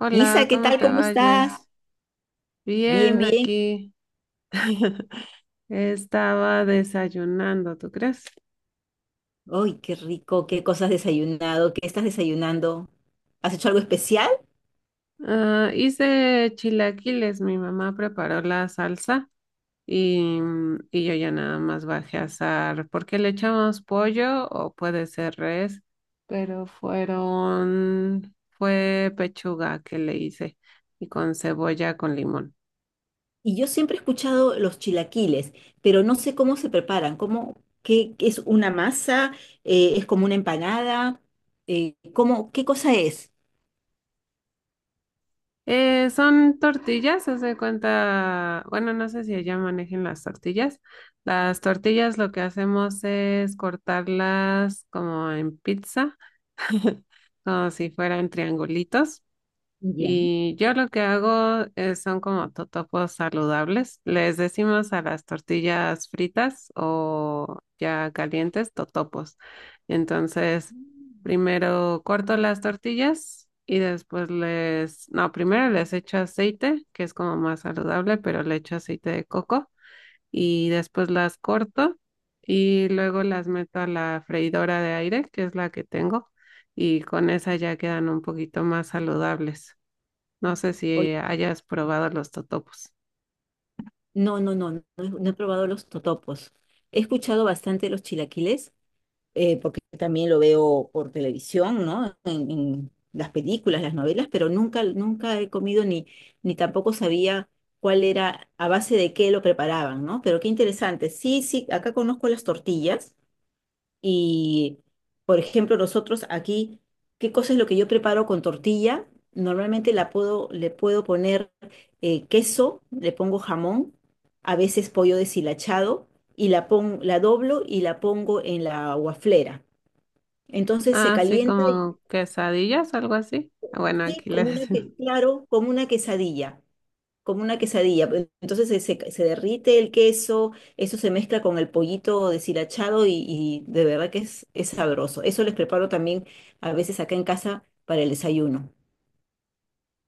Hola, Isa, ¿qué ¿cómo tal? te ¿Cómo estás? vayas? Bien, Bien, bien. aquí estaba desayunando, ¿tú crees? Ay, qué rico, qué cosas has desayunado, qué estás desayunando. ¿Has hecho algo especial? Ah, hice chilaquiles, mi mamá preparó la salsa y, y yo ya nada más bajé a asar, porque le echamos pollo o puede ser res, pero fue pechuga que le hice y con cebolla con limón. Y yo siempre he escuchado los chilaquiles, pero no sé cómo se preparan, cómo, qué, qué es una masa, es como una empanada. Cómo, qué cosa es. Son tortillas, haz de cuenta, bueno, no sé si allá manejen las tortillas. Las tortillas lo que hacemos es cortarlas como en pizza, como si fueran triangulitos. Ya. Y yo lo que hago son como totopos saludables. Les decimos a las tortillas fritas o ya calientes totopos. Entonces, primero corto las tortillas y después les, no, primero les echo aceite, que es como más saludable, pero le echo aceite de coco y después las corto y luego las meto a la freidora de aire, que es la que tengo, y con esa ya quedan un poquito más saludables. No sé Oye, si hayas probado los totopos. no, no, no, no, no he probado los totopos. He escuchado bastante los chilaquiles, porque también lo veo por televisión, ¿no? En las películas, las novelas, pero nunca, nunca he comido ni, ni tampoco sabía cuál era, a base de qué lo preparaban, ¿no? Pero qué interesante. Sí, sí, acá conozco las tortillas y, por ejemplo, nosotros aquí, ¿qué cosa es lo que yo preparo con tortilla? Normalmente le puedo poner queso, le pongo jamón, a veces pollo deshilachado y la doblo y la pongo en la guaflera. Entonces se Ah, sí, calienta, y como quesadillas, algo así. Ah, bueno, sí, aquí le decimos. Claro, como una quesadilla, como una quesadilla. Entonces se derrite el queso, eso se mezcla con el pollito deshilachado y de verdad que es sabroso. Eso les preparo también a veces acá en casa para el desayuno.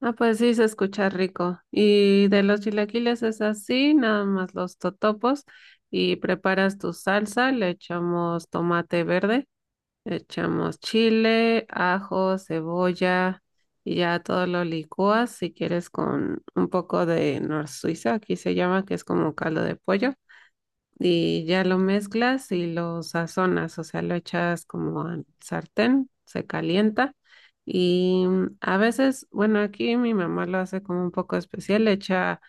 Ah, pues sí, se escucha rico. Y de los chilaquiles es así, nada más los totopos. Y preparas tu salsa, le echamos tomate verde, le echamos chile, ajo, cebolla y ya todo lo licúas si quieres con un poco de nor Suiza, aquí se llama, que es como caldo de pollo. Y ya lo mezclas y lo sazonas, o sea, lo echas como al sartén, se calienta y a veces, bueno, aquí mi mamá lo hace como un poco especial, le echa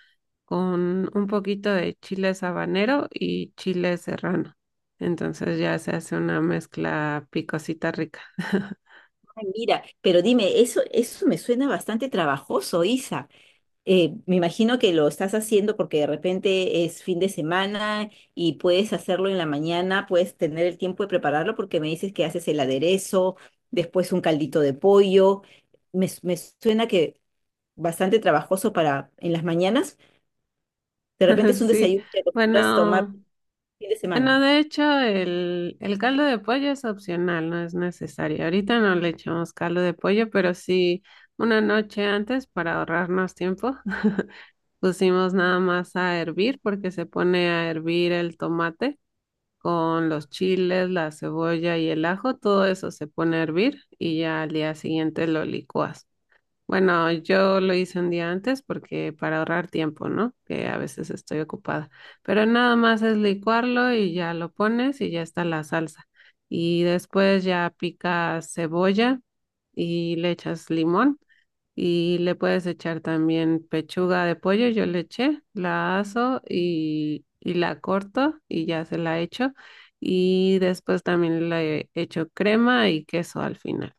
con un poquito de chile habanero y chile serrano. Entonces ya se hace una mezcla picosita rica. Ay, mira, pero dime, eso me suena bastante trabajoso, Isa. Me imagino que lo estás haciendo porque de repente es fin de semana y puedes hacerlo en la mañana, puedes tener el tiempo de prepararlo porque me dices que haces el aderezo, después un caldito de pollo. Me suena que bastante trabajoso para en las mañanas. De repente es un Sí, desayuno que acostumbras tomar bueno. un fin de semana. Bueno, de hecho, el caldo de pollo es opcional, no es necesario. Ahorita no le echamos caldo de pollo, pero sí una noche antes para ahorrarnos tiempo, pusimos nada más a hervir porque se pone a hervir el tomate con los chiles, la cebolla y el ajo, todo eso se pone a hervir y ya al día siguiente lo licuas. Bueno, yo lo hice un día antes porque para ahorrar tiempo, ¿no? Que a veces estoy ocupada. Pero nada más es licuarlo y ya lo pones y ya está la salsa. Y después ya picas cebolla y le echas limón y le puedes echar también pechuga de pollo. Yo le eché, la aso y la corto y ya se la echo. Y después también le echo crema y queso al final.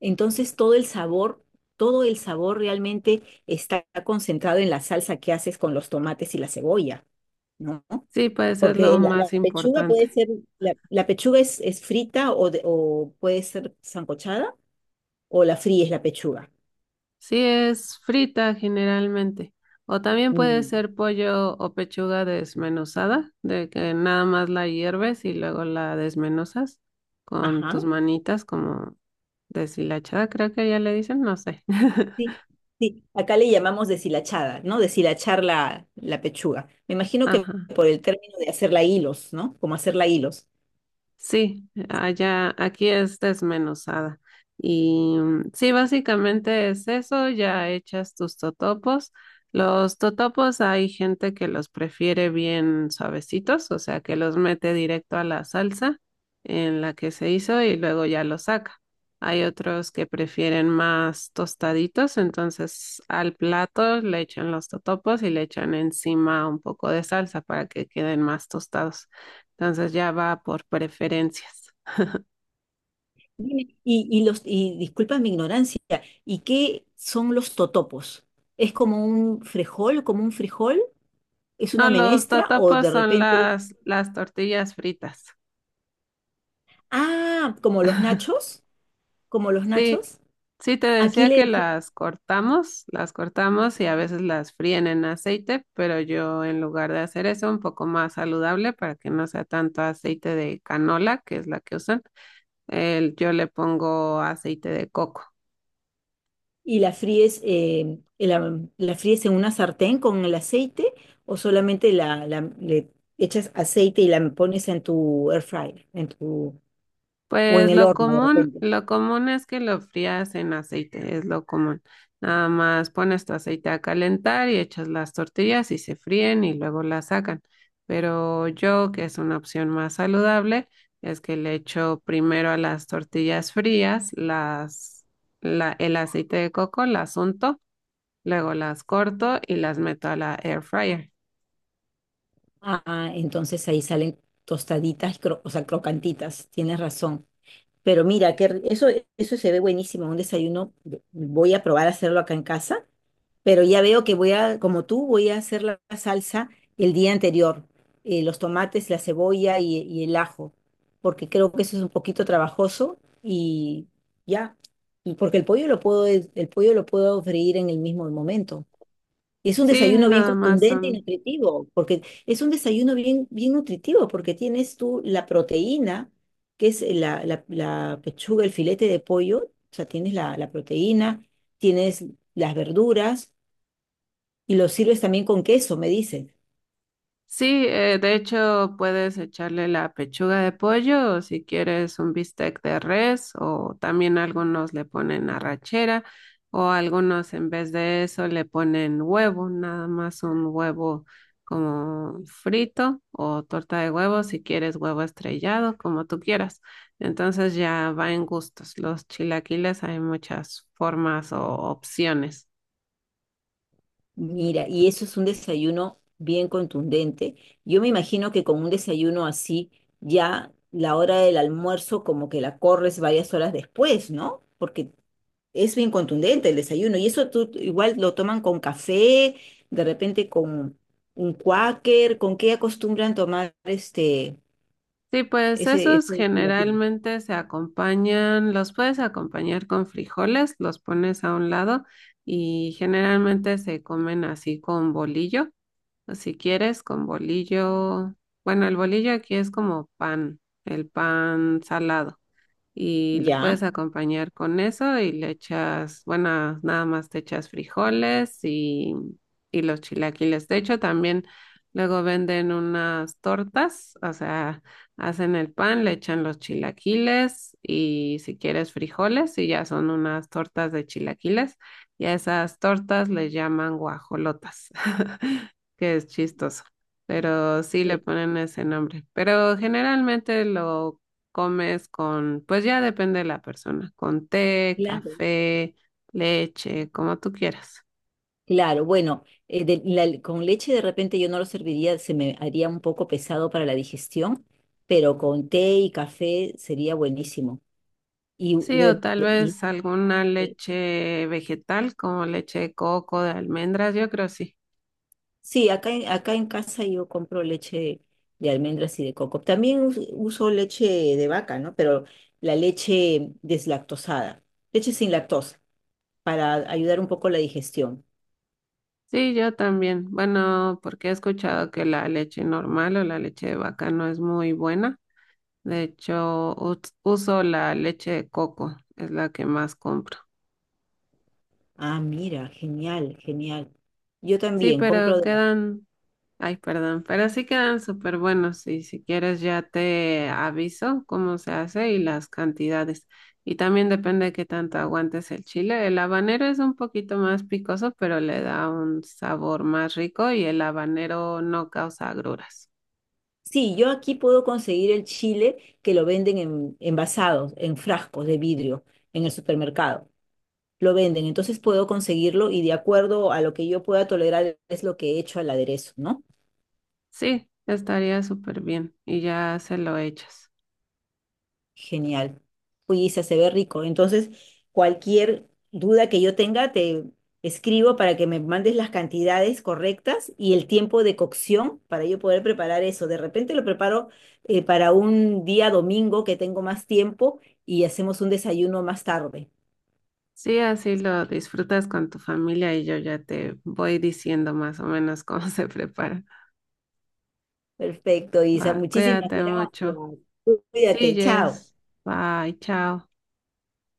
Entonces todo el sabor realmente está concentrado en la salsa que haces con los tomates y la cebolla, ¿no? Sí, pues es lo Porque la más pechuga importante. puede ser, la pechuga es frita o puede ser sancochada o la fríes la pechuga. Sí, es frita generalmente. O también puede Mm. ser pollo o pechuga desmenuzada, de que nada más la hierves y luego la desmenuzas con Ajá, tus manitas como deshilachada, creo que ya le dicen, no sé. sí, sí. Acá le llamamos deshilachada, ¿no? Deshilachar la pechuga. Me imagino que Ajá. por el término de hacerla hilos, ¿no? Como hacerla hilos. Sí, allá, aquí es desmenuzada. Y sí, básicamente es eso, ya echas tus totopos. Los totopos hay gente que los prefiere bien suavecitos, o sea, que los mete directo a la salsa en la que se hizo y luego ya los saca. Hay otros que prefieren más tostaditos, entonces al plato le echan los totopos y le echan encima un poco de salsa para que queden más tostados. Entonces ya va por preferencias. Dime, y los, y disculpa mi ignorancia, ¿y qué son los totopos? ¿Es como un frijol, como un frijol? ¿Es No, una los menestra o totopos de son repente es, las tortillas fritas. ah, como los nachos? Como los Sí, nachos. sí te Aquí decía le que decimos, las cortamos y a veces las fríen en aceite, pero yo en lugar de hacer eso un poco más saludable para que no sea tanto aceite de canola, que es la que usan, yo le pongo aceite de coco. y la fríes, la fríes en una sartén con el aceite o solamente le echas aceite y la pones en tu air fryer, en tu, o en Pues el horno de repente. lo común es que lo frías en aceite, es lo común. Nada más pones tu aceite a calentar y echas las tortillas y se fríen y luego las sacan. Pero yo, que es una opción más saludable, es que le echo primero a las tortillas frías, el aceite de coco, las unto, luego las corto y las meto a la air fryer. Ah, entonces ahí salen tostaditas, o sea, crocantitas, tienes razón. Pero mira, que eso se ve buenísimo, un desayuno. Voy a probar a hacerlo acá en casa, pero ya veo que voy a, como tú, voy a hacer la salsa el día anterior, los tomates, la cebolla y el ajo, porque creo que eso es un poquito trabajoso y ya, y porque el pollo lo puedo, el pollo lo puedo freír en el mismo momento. Es un Sí, desayuno bien nada más contundente y son. nutritivo, porque es un desayuno bien, bien nutritivo, porque tienes tú la proteína, que es la pechuga, el filete de pollo, o sea, tienes la proteína, tienes las verduras, y lo sirves también con queso, me dice. Sí, de hecho puedes echarle la pechuga de pollo o si quieres un bistec de res o también algunos le ponen arrachera o algunos en vez de eso le ponen huevo, nada más un huevo como frito o torta de huevo si quieres huevo estrellado, como tú quieras. Entonces ya va en gustos. Los chilaquiles hay muchas formas o opciones. Mira, y eso es un desayuno bien contundente. Yo me imagino que con un desayuno así, ya la hora del almuerzo como que la corres varias horas después, ¿no? Porque es bien contundente el desayuno. Y eso tú igual lo toman con café, de repente con un cuáquer, ¿con qué acostumbran tomar este, Sí, pues ese, esos ese chilaquiles? generalmente se acompañan, los puedes acompañar con frijoles, los pones a un lado y generalmente se comen así con bolillo, o si quieres con bolillo, bueno, el bolillo aquí es como pan, el pan salado y lo Ya. puedes acompañar con eso y le echas, bueno, nada más te echas frijoles y los chilaquiles. De hecho, también luego venden unas tortas, o sea, hacen el pan, le echan los chilaquiles y si quieres frijoles y ya son unas tortas de chilaquiles y a esas tortas les llaman guajolotas, que es chistoso. Pero sí le Eh, ponen ese nombre. Pero generalmente lo comes con, pues ya depende de la persona, con té, claro. café, leche, como tú quieras. Claro, bueno, con leche de repente yo no lo serviría, se me haría un poco pesado para la digestión, pero con té y café sería buenísimo. Y, Sí, o tal y- vez alguna eh, leche vegetal, como leche de coco, de almendras, yo creo sí. sí, acá en casa yo compro leche de almendras y de coco. También uso leche de vaca, ¿no? Pero la leche deslactosada, leche sin lactosa, para ayudar un poco la digestión. Sí, yo también. Bueno, porque he escuchado que la leche normal o la leche de vaca no es muy buena. De hecho, uso la leche de coco, es la que más compro. Ah, mira, genial, genial. Yo Sí, también pero compro de la quedan. Ay, perdón, pero sí quedan súper buenos y si quieres ya te aviso cómo se hace y las cantidades. Y también depende de qué tanto aguantes el chile. El habanero es un poquito más picoso, pero le da un sabor más rico y el habanero no causa agruras. sí, yo aquí puedo conseguir el chile que lo venden en, envasados, en frascos de vidrio, en el supermercado. Lo venden, entonces puedo conseguirlo y de acuerdo a lo que yo pueda tolerar es lo que he hecho al aderezo, ¿no? Sí, estaría súper bien y ya se lo echas. Genial. Uy, Isa, se ve rico. Entonces, cualquier duda que yo tenga, te escribo para que me mandes las cantidades correctas y el tiempo de cocción para yo poder preparar eso. De repente lo preparo, para un día domingo que tengo más tiempo y hacemos un desayuno más tarde. Sí, así lo disfrutas con tu familia y yo ya te voy diciendo más o menos cómo se prepara. Perfecto, Isa. Va, Muchísimas cuídate mucho. gracias. Sí, Cuídate. Chao. Jess. Bye, chao.